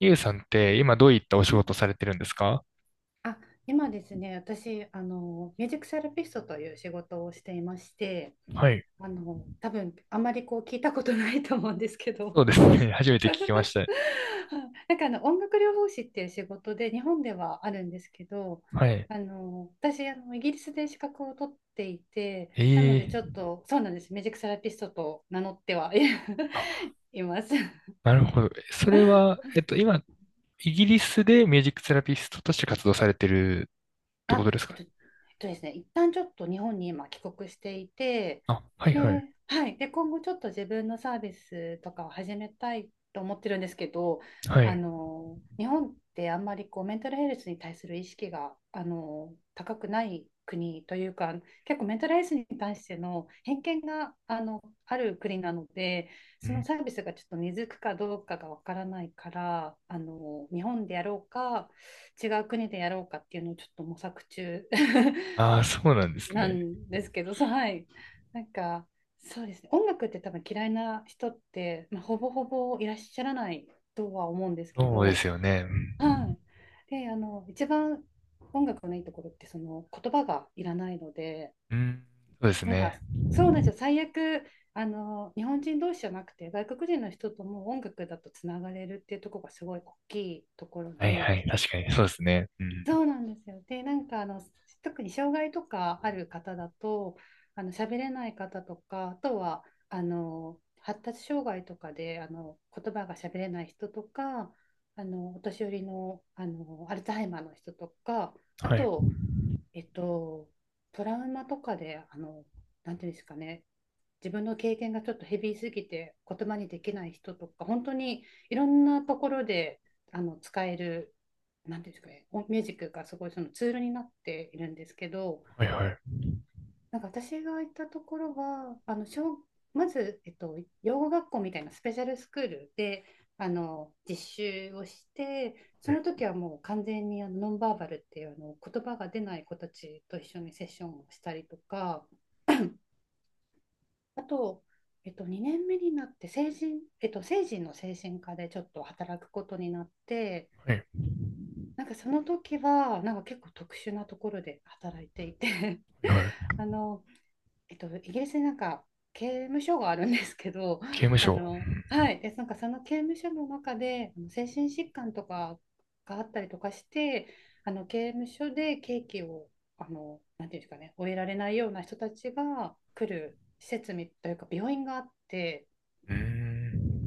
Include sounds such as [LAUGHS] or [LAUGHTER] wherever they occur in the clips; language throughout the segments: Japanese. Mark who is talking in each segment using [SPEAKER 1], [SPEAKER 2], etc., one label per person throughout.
[SPEAKER 1] ゆうさんって今どういったお仕
[SPEAKER 2] はい。
[SPEAKER 1] 事されてるんですか？
[SPEAKER 2] あ、今ですね、私、ミュージックセラピストという仕事をしていまして、
[SPEAKER 1] はい。
[SPEAKER 2] 多分あまりこう聞いたことないと思うんですけど、
[SPEAKER 1] そうですね。[LAUGHS] 初めて聞きました。
[SPEAKER 2] [LAUGHS] なんかあの音楽療法士っていう仕事で日本ではあるんですけど、
[SPEAKER 1] はい。
[SPEAKER 2] 私、イギリスで資格を取っていて、なので
[SPEAKER 1] え
[SPEAKER 2] ちょっ
[SPEAKER 1] え、
[SPEAKER 2] と、そうなんです、ミュージックセラピストと名乗ってはい
[SPEAKER 1] あ、
[SPEAKER 2] [LAUGHS] います。[LAUGHS]
[SPEAKER 1] なるほど。それは、今、イギリスでミュージックセラピストとして活動されてるってこ
[SPEAKER 2] あ、
[SPEAKER 1] とですかね？
[SPEAKER 2] えっとですね、一旦ちょっと日本に今帰国していて、
[SPEAKER 1] あ、はい
[SPEAKER 2] で、
[SPEAKER 1] はい。
[SPEAKER 2] はい、で、今後ちょっと自分のサービスとかを始めたいと思ってるんですけど、
[SPEAKER 1] はい。
[SPEAKER 2] 日本ってあんまりこうメンタルヘルスに対する意識が、高くない国というか、結構メンタルヘルスに対しての偏見が、ある国なので、
[SPEAKER 1] う
[SPEAKER 2] その
[SPEAKER 1] ん。
[SPEAKER 2] サービスがちょっと根付くかどうかがわからないから、日本でやろうか、違う国でやろうかっていうのをちょっと模索中 [LAUGHS]
[SPEAKER 1] ああ、そうなんです
[SPEAKER 2] な
[SPEAKER 1] ね。
[SPEAKER 2] んですけど、はい。なんか、そうですね。音楽って多分嫌いな人って、まあ、ほぼほぼいらっしゃらないとは思うんですけ
[SPEAKER 1] そうで
[SPEAKER 2] ど、
[SPEAKER 1] すよね。う
[SPEAKER 2] は
[SPEAKER 1] ん。
[SPEAKER 2] い。で、一番音楽のいいところって、その言葉がいらないので、
[SPEAKER 1] うん、そうです
[SPEAKER 2] なん
[SPEAKER 1] ね。
[SPEAKER 2] か、そうなんですよ。最悪、日本人同士じゃなくて、外国人の人とも音楽だとつながれるっていうところがすごい大きいところ
[SPEAKER 1] はいは
[SPEAKER 2] で、
[SPEAKER 1] い。確かに、そうですね。うん。
[SPEAKER 2] そうなんですよ。で、なんか特に障害とかある方だと、あの喋れない方とか、あとはあの発達障害とかであの言葉が喋れない人とか、あのお年寄りの、あのアルツハイマーの人とか、あ
[SPEAKER 1] はい。
[SPEAKER 2] とえっと、トラウマとかで、なんていうんですかね、自分の経験がちょっとヘビーすぎて言葉にできない人とか、本当にいろんなところであの使える、なんていうんですかね、おミュージックがすごいそのツールになっているんですけど、
[SPEAKER 1] はい。はい。
[SPEAKER 2] なんか私が行ったところは、あのまず、養護学校みたいなスペシャルスクールであの実習をして、そ
[SPEAKER 1] はい。
[SPEAKER 2] の時はもう完全にあのノンバーバルっていうあの言葉が出ない子たちと一緒にセッションをしたりとか、あと、2年目になって成人、えっと、成人の精神科でちょっと働くことになって、
[SPEAKER 1] はい。
[SPEAKER 2] なんかその時はなんか結構特殊なところで働いていて
[SPEAKER 1] はいはい。
[SPEAKER 2] [LAUGHS] あのイギリスになんか刑務所があるんですけど、
[SPEAKER 1] 刑務
[SPEAKER 2] [LAUGHS]
[SPEAKER 1] 所。
[SPEAKER 2] はい、で、なんかその刑務所の中で、あの精神疾患とかがあったりとかして、あの刑務所で刑期を、なんていうんですかね、終えられないような人たちが来る施設みというか、病院があって、
[SPEAKER 1] うん。う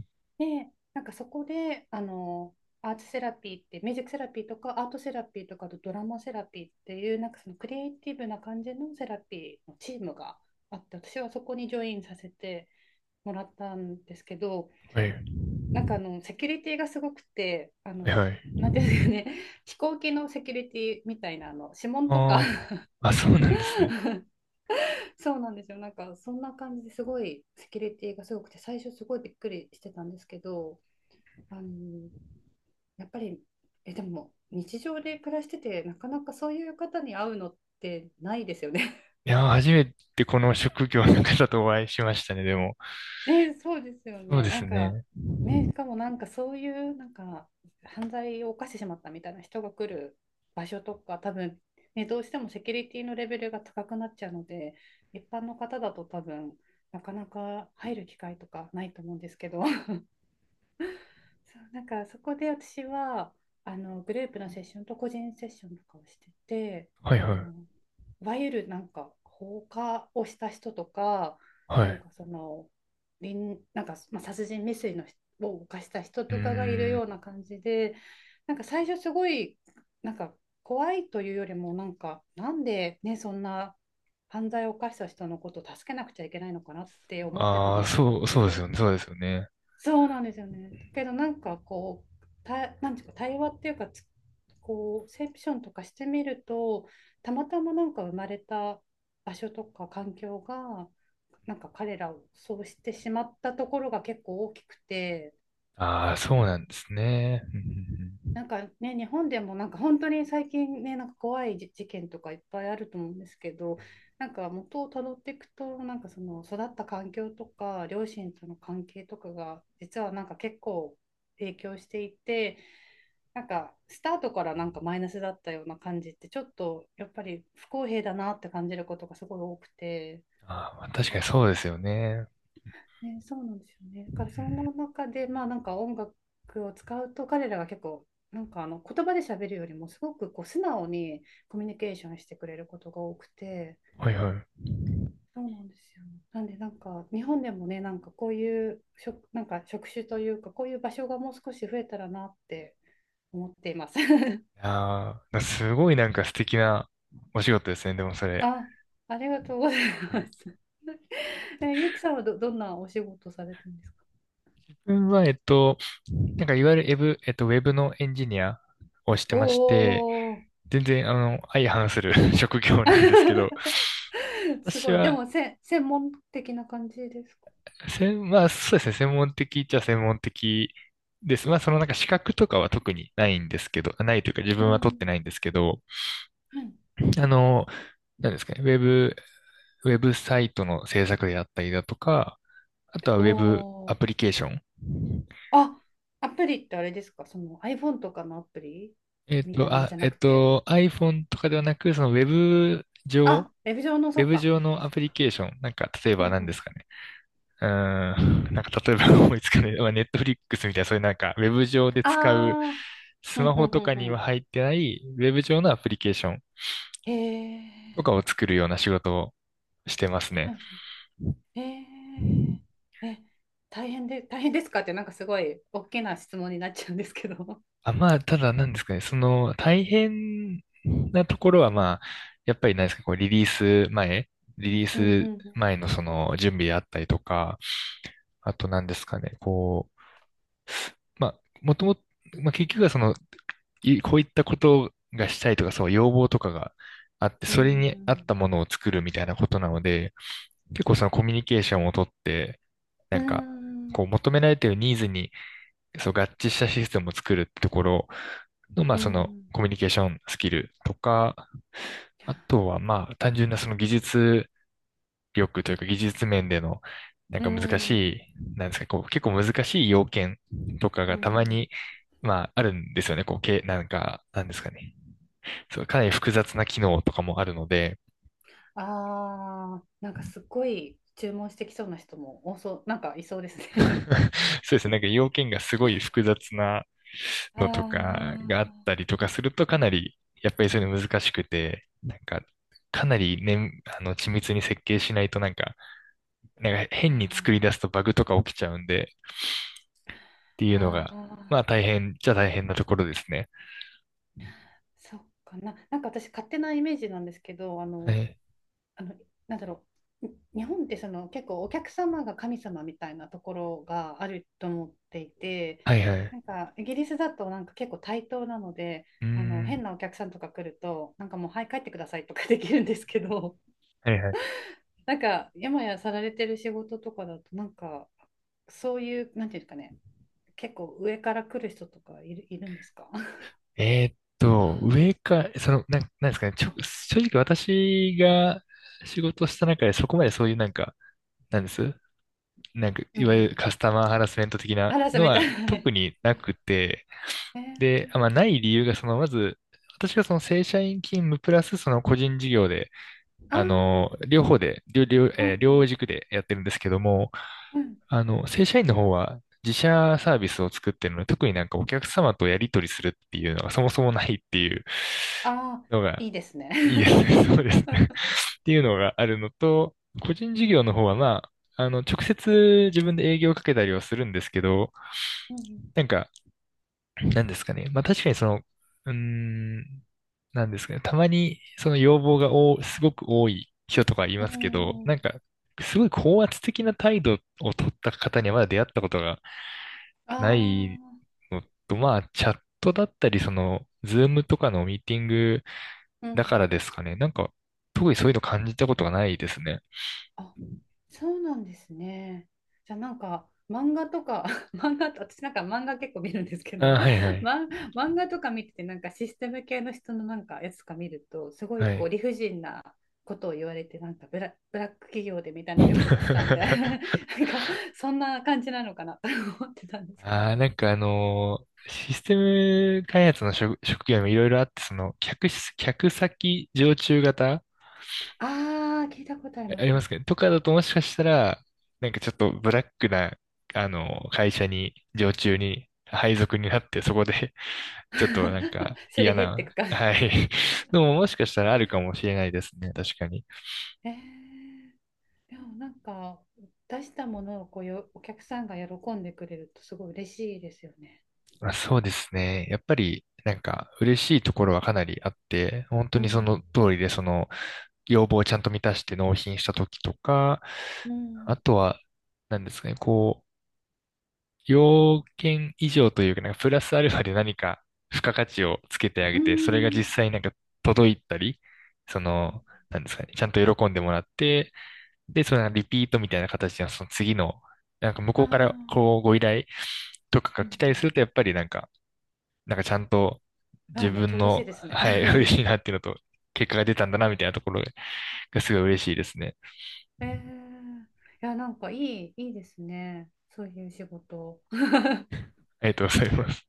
[SPEAKER 1] ん、
[SPEAKER 2] で、なんかそこで、アーツセラピーって、ミュージックセラピーとか、アートセラピーとか、あとドラマセラピーっていう、なんかそのクリエイティブな感じのセラピーのチームがあって、私はそこにジョインさせてもらったんですけど、
[SPEAKER 1] はい。は
[SPEAKER 2] なんかセキュリティがすごくて、
[SPEAKER 1] い。はい。
[SPEAKER 2] なんていうんですかね、[LAUGHS] 飛行機のセキュリティみたいな、指紋とか
[SPEAKER 1] ああ、あ、そうなんですね。
[SPEAKER 2] [LAUGHS] そうなんですよ。なんか、そんな感じですごい、セキュリティがすごくて、最初すごいびっくりしてたんですけど、あのやっぱり、え、でも日常で暮らしてて、なかなかそういう方に会うのってないですよね。
[SPEAKER 1] いやー、初めてこの職業の方とお会いしましたね、でも。
[SPEAKER 2] [LAUGHS] ね、そうですよ
[SPEAKER 1] そうで
[SPEAKER 2] ね。な
[SPEAKER 1] す
[SPEAKER 2] んか、
[SPEAKER 1] ね。
[SPEAKER 2] ね、しかもなんかそういうなんか犯罪を犯してしまったみたいな人が来る場所とか、多分、ね、どうしてもセキュリティのレベルが高くなっちゃうので、一般の方だと多分、なかなか入る機会とかないと思うんですけど。[LAUGHS] そうなんかそこで私はあのグループのセッションと個人セッションとかをしてて
[SPEAKER 1] は
[SPEAKER 2] あ
[SPEAKER 1] いはい。
[SPEAKER 2] のいわゆるなんか放火をした人とか
[SPEAKER 1] は
[SPEAKER 2] なん
[SPEAKER 1] い。
[SPEAKER 2] かそのなんか、まあ、殺人未遂の人を犯した人
[SPEAKER 1] うー
[SPEAKER 2] とかがいる
[SPEAKER 1] ん。
[SPEAKER 2] ような感じでなんか最初すごいなんか怖いというよりもなんかなんでねそんな犯罪を犯した人のことを助けなくちゃいけないのかなって思ってたん
[SPEAKER 1] ああ、
[SPEAKER 2] ですけ
[SPEAKER 1] そうです
[SPEAKER 2] ど
[SPEAKER 1] よね、そうですよね。
[SPEAKER 2] そうなんですよね。だけどなんかこう、なんていうか対話っていうかこう、セプションとかしてみると、たまたまなんか生まれた場所とか環境が、なんか彼らをそうしてしまったところが結構大きくて、
[SPEAKER 1] ああ、そうなんですね。うんうんうん。
[SPEAKER 2] なんかね、日本でもなんか本当に最近ね、なんか怖い事件とかいっぱいあると思うんですけど、なんか元をたどっていくと、なんかその育った環境とか、両親との関係とかが、実はなんか結構影響していて、なんかスタートからなんかマイナスだったような感じって、ちょっとやっぱり不公平だなって感じることがすごい多くて。
[SPEAKER 1] あー、まあ、確かにそうですよね。
[SPEAKER 2] ね、そうなんですよね。だ
[SPEAKER 1] う
[SPEAKER 2] か
[SPEAKER 1] ん、
[SPEAKER 2] らその中で、まあなんか音楽を使うと彼らが結構なんかあの言葉で喋るよりもすごくこう素直にコミュニケーションしてくれることが多くて、
[SPEAKER 1] はいはい。い
[SPEAKER 2] そうなんですよね。なんでなんか日本でもね、なんかこういうなんか職種というかこういう場所がもう少し増えたらなって思っています。[LAUGHS]
[SPEAKER 1] やー、すごいなんか素敵なお仕事ですね、でもそれ。
[SPEAKER 2] あ、ありがとうござい
[SPEAKER 1] う
[SPEAKER 2] ま
[SPEAKER 1] ん。
[SPEAKER 2] す。[LAUGHS] え、ゆきさんはどんなお仕事されてるんですか？
[SPEAKER 1] 自分は、なんかいわゆるエブ、えっと、ウェブのエンジニアをして
[SPEAKER 2] お
[SPEAKER 1] まして、
[SPEAKER 2] おー、
[SPEAKER 1] 全然、相反する [LAUGHS] 職業なんですけど、
[SPEAKER 2] [LAUGHS] す
[SPEAKER 1] 私
[SPEAKER 2] ごい。で
[SPEAKER 1] は、
[SPEAKER 2] も専門的な感じですか？
[SPEAKER 1] まあ、そうですね、専門的っちゃ専門的です。まあ、そのなんか資格とかは特にないんですけど、ないというか自
[SPEAKER 2] う
[SPEAKER 1] 分は取って
[SPEAKER 2] ん。
[SPEAKER 1] ないんですけど、
[SPEAKER 2] はい。
[SPEAKER 1] あの、なんですかね、ウェブサイトの制作であったりだとか、あとはウェブ
[SPEAKER 2] お
[SPEAKER 1] ア
[SPEAKER 2] ー。
[SPEAKER 1] プリケーション。
[SPEAKER 2] あ、アプリってあれですかその iPhone とかのアプリみたいなのじゃなくて。
[SPEAKER 1] iPhone とかではなく、そのウェブ上、
[SPEAKER 2] あ、ウェブ上の、
[SPEAKER 1] ウ
[SPEAKER 2] そ
[SPEAKER 1] ェ
[SPEAKER 2] っ
[SPEAKER 1] ブ
[SPEAKER 2] か、アプ
[SPEAKER 1] 上
[SPEAKER 2] リケー
[SPEAKER 1] のア
[SPEAKER 2] ション
[SPEAKER 1] プリ
[SPEAKER 2] か。
[SPEAKER 1] ケーション、なんか、例え
[SPEAKER 2] うん
[SPEAKER 1] ば
[SPEAKER 2] う
[SPEAKER 1] 何で
[SPEAKER 2] ん。
[SPEAKER 1] すかね。うーん、なんか例えば [LAUGHS] 思いつかない、まあ、ネットフリックスみたいな、そういうなんか、ウェブ上で使う、
[SPEAKER 2] あー。う
[SPEAKER 1] ス
[SPEAKER 2] ん
[SPEAKER 1] マ
[SPEAKER 2] う
[SPEAKER 1] ホ
[SPEAKER 2] んう
[SPEAKER 1] と
[SPEAKER 2] ん
[SPEAKER 1] か
[SPEAKER 2] う
[SPEAKER 1] に
[SPEAKER 2] ん。
[SPEAKER 1] は入ってない、ウェブ上のアプリケーション
[SPEAKER 2] へ
[SPEAKER 1] と
[SPEAKER 2] え。
[SPEAKER 1] かを作るような仕事をしてますね。
[SPEAKER 2] へえ。え、大変ですかって、なんかすごい大きな質問になっちゃうんですけど。
[SPEAKER 1] あ、まあ、ただなんですかね、その、大変なところは、まあ、やっぱりなんですか、こう、リリース前、リリー
[SPEAKER 2] うん
[SPEAKER 1] ス
[SPEAKER 2] うん
[SPEAKER 1] 前のその、準備であったりとか、あとなんですかね、こう、まあ、もともと、まあ、結局はその、こういったことがしたいとか、そう、要望とかがあって、
[SPEAKER 2] う
[SPEAKER 1] それに合っ
[SPEAKER 2] ん。
[SPEAKER 1] たものを作るみたいなことなので、結構そのコミュニケーションをとって、
[SPEAKER 2] う
[SPEAKER 1] な
[SPEAKER 2] ん。
[SPEAKER 1] んか、
[SPEAKER 2] うん。う
[SPEAKER 1] こう求められているニーズにそう合致したシステムを作るってところの、まあ
[SPEAKER 2] ん。
[SPEAKER 1] そのコミュニケーションスキルとか、あとはまあ単純なその技術力というか技術面でのなん
[SPEAKER 2] う
[SPEAKER 1] か難し
[SPEAKER 2] ん。
[SPEAKER 1] い、なんですか、こう結構難しい要件とか
[SPEAKER 2] う
[SPEAKER 1] がたま
[SPEAKER 2] ん。
[SPEAKER 1] に、まああるんですよね。こう、なんか、なんですかね。そう、かなり複雑な機能とかもあるので、
[SPEAKER 2] ああ、なんかすっごい注文してきそうな人も多そう、なんかいそうですね。
[SPEAKER 1] [LAUGHS] そうですね、なんか要件がすごい複雑な
[SPEAKER 2] [LAUGHS] あ
[SPEAKER 1] のとかがあっ
[SPEAKER 2] ー
[SPEAKER 1] たりとかすると、かなり、やっぱりそういうの難しくて、なんか、かなりね、緻密に設計しないとなんか、なんか
[SPEAKER 2] あ
[SPEAKER 1] 変に作り出すとバグとか起きちゃうんで、って
[SPEAKER 2] ー、
[SPEAKER 1] いうの
[SPEAKER 2] あ
[SPEAKER 1] が、
[SPEAKER 2] ー
[SPEAKER 1] まあ大変なところですね。
[SPEAKER 2] そっかな。なんか私勝手なイメージなんですけど、
[SPEAKER 1] はい、
[SPEAKER 2] あの、なんだろう。日本ってその結構お客様が神様みたいなところがあると思っていて、
[SPEAKER 1] はいはい。
[SPEAKER 2] なんかイギリスだとなんか結構対等なので、
[SPEAKER 1] うー
[SPEAKER 2] あの
[SPEAKER 1] ん、
[SPEAKER 2] 変なお客さんとか来ると、なんかもうはい帰ってくださいとかできるんですけど、
[SPEAKER 1] はいはい。
[SPEAKER 2] なんか今やさられてる仕事とかだとなんかそういうなんていうんですかね結構上から来る人とかいるんですか？ [LAUGHS]
[SPEAKER 1] その、なんですかね、正直私が仕事した中でそこまでそういうなんか、なんですなんか、
[SPEAKER 2] うん
[SPEAKER 1] い
[SPEAKER 2] う
[SPEAKER 1] わゆる
[SPEAKER 2] ん。
[SPEAKER 1] カスタマーハラスメント的な
[SPEAKER 2] 嵐
[SPEAKER 1] の
[SPEAKER 2] みたい
[SPEAKER 1] は
[SPEAKER 2] な
[SPEAKER 1] 特
[SPEAKER 2] ね。
[SPEAKER 1] になくて、
[SPEAKER 2] え
[SPEAKER 1] で、まあ、
[SPEAKER 2] ー、
[SPEAKER 1] ない理由が、その、まず、私がその正社員勤務プラスその個人事業で、
[SPEAKER 2] ああ、
[SPEAKER 1] 両方で、両、両、
[SPEAKER 2] う
[SPEAKER 1] えー両
[SPEAKER 2] ん
[SPEAKER 1] 軸でやってるんですけども、
[SPEAKER 2] うんうん
[SPEAKER 1] 正社員の方は自社サービスを作ってるので、特になんかお客様とやり取りするっていうのがそもそもないっていう
[SPEAKER 2] ああ
[SPEAKER 1] の
[SPEAKER 2] ー
[SPEAKER 1] が
[SPEAKER 2] いいですね。
[SPEAKER 1] いいですね。[LAUGHS] そうです
[SPEAKER 2] [LAUGHS]
[SPEAKER 1] ね。[LAUGHS] っていうのがあるのと、個人事業の方はまあ、直接自分で営業をかけたりはするんですけど、
[SPEAKER 2] うん
[SPEAKER 1] なんか、なんですかね。まあ確かにその、うーん、なんですかね。たまにその要望がすごく多い人とかい
[SPEAKER 2] う
[SPEAKER 1] ますけど、
[SPEAKER 2] んうー
[SPEAKER 1] なん
[SPEAKER 2] ん
[SPEAKER 1] か、すごい高圧的な態度を取った方にはまだ出会ったことが
[SPEAKER 2] あ
[SPEAKER 1] ない
[SPEAKER 2] あ
[SPEAKER 1] のと、まあ、チャットだったり、その、ズームとかのミーティング
[SPEAKER 2] うんう
[SPEAKER 1] だか
[SPEAKER 2] ん
[SPEAKER 1] らですかね。なんか、特にそういうの感じたことがないですね。
[SPEAKER 2] あそうなんですね。じゃあなんか漫画とか [LAUGHS] 漫画と私なんか漫画結構見るんですけ
[SPEAKER 1] あ、
[SPEAKER 2] ど、
[SPEAKER 1] はいは
[SPEAKER 2] [LAUGHS]
[SPEAKER 1] い。
[SPEAKER 2] ま、漫画とか見ててなんかシステム系の人のなんかやつとか見るとすご
[SPEAKER 1] は
[SPEAKER 2] いこう
[SPEAKER 1] い。
[SPEAKER 2] 理不尽なことを言われてなんかブラック企業でみたいなのをよく見てたんで [LAUGHS] なん
[SPEAKER 1] [LAUGHS]
[SPEAKER 2] かそんな感じなのかなと [LAUGHS] 思ってたんですけど。
[SPEAKER 1] ああ、なんかシステム開発の職業もいろいろあって、その、客先常駐型
[SPEAKER 2] ああ聞いたことあり
[SPEAKER 1] あ
[SPEAKER 2] ます。
[SPEAKER 1] りますかねとかだともしかしたら、なんかちょっとブラックな、あの会社に、常駐に、配属になって、そこで [LAUGHS] ちょっとなんか
[SPEAKER 2] [LAUGHS] すれ
[SPEAKER 1] 嫌
[SPEAKER 2] 減って
[SPEAKER 1] な、
[SPEAKER 2] くか。
[SPEAKER 1] はい。[LAUGHS] でももしかしたらあるかもしれないですね。確かに。
[SPEAKER 2] えーでもなんか出したものをこうよお客さんが喜んでくれるとすごい嬉しいですよね。
[SPEAKER 1] まあ、そうですね。やっぱり、なんか、嬉しいところはかなりあって、本当
[SPEAKER 2] う
[SPEAKER 1] にその
[SPEAKER 2] ん。
[SPEAKER 1] 通りで、その、要望をちゃんと満たして納品した時とか、
[SPEAKER 2] う
[SPEAKER 1] あ
[SPEAKER 2] ん。
[SPEAKER 1] とは、何ですかね、こう、要件以上というか、なんか、プラスアルファで何か、付加価値をつけてあ
[SPEAKER 2] う
[SPEAKER 1] げて、それが実
[SPEAKER 2] ん。
[SPEAKER 1] 際なんか、届いたり、そ
[SPEAKER 2] うん
[SPEAKER 1] の、なんですかね、ちゃんと喜んでもらって、で、そのリピートみたいな形で、その次の、なんか、向
[SPEAKER 2] あ
[SPEAKER 1] こうから、
[SPEAKER 2] あ、
[SPEAKER 1] こう、ご依頼とか
[SPEAKER 2] う
[SPEAKER 1] が
[SPEAKER 2] ん。
[SPEAKER 1] 来たりすると、やっぱりなんかちゃんと
[SPEAKER 2] ああ、
[SPEAKER 1] 自
[SPEAKER 2] めっちゃ
[SPEAKER 1] 分
[SPEAKER 2] 嬉しい
[SPEAKER 1] の、
[SPEAKER 2] です
[SPEAKER 1] [LAUGHS]
[SPEAKER 2] ね。
[SPEAKER 1] はい、[LAUGHS] 嬉
[SPEAKER 2] [LAUGHS]
[SPEAKER 1] しいなっていうのと、結果が出たんだなみたいなところがすごい嬉しいですね。
[SPEAKER 2] ええいや、なんかいいですね。そういう仕事。
[SPEAKER 1] ありがとうございます。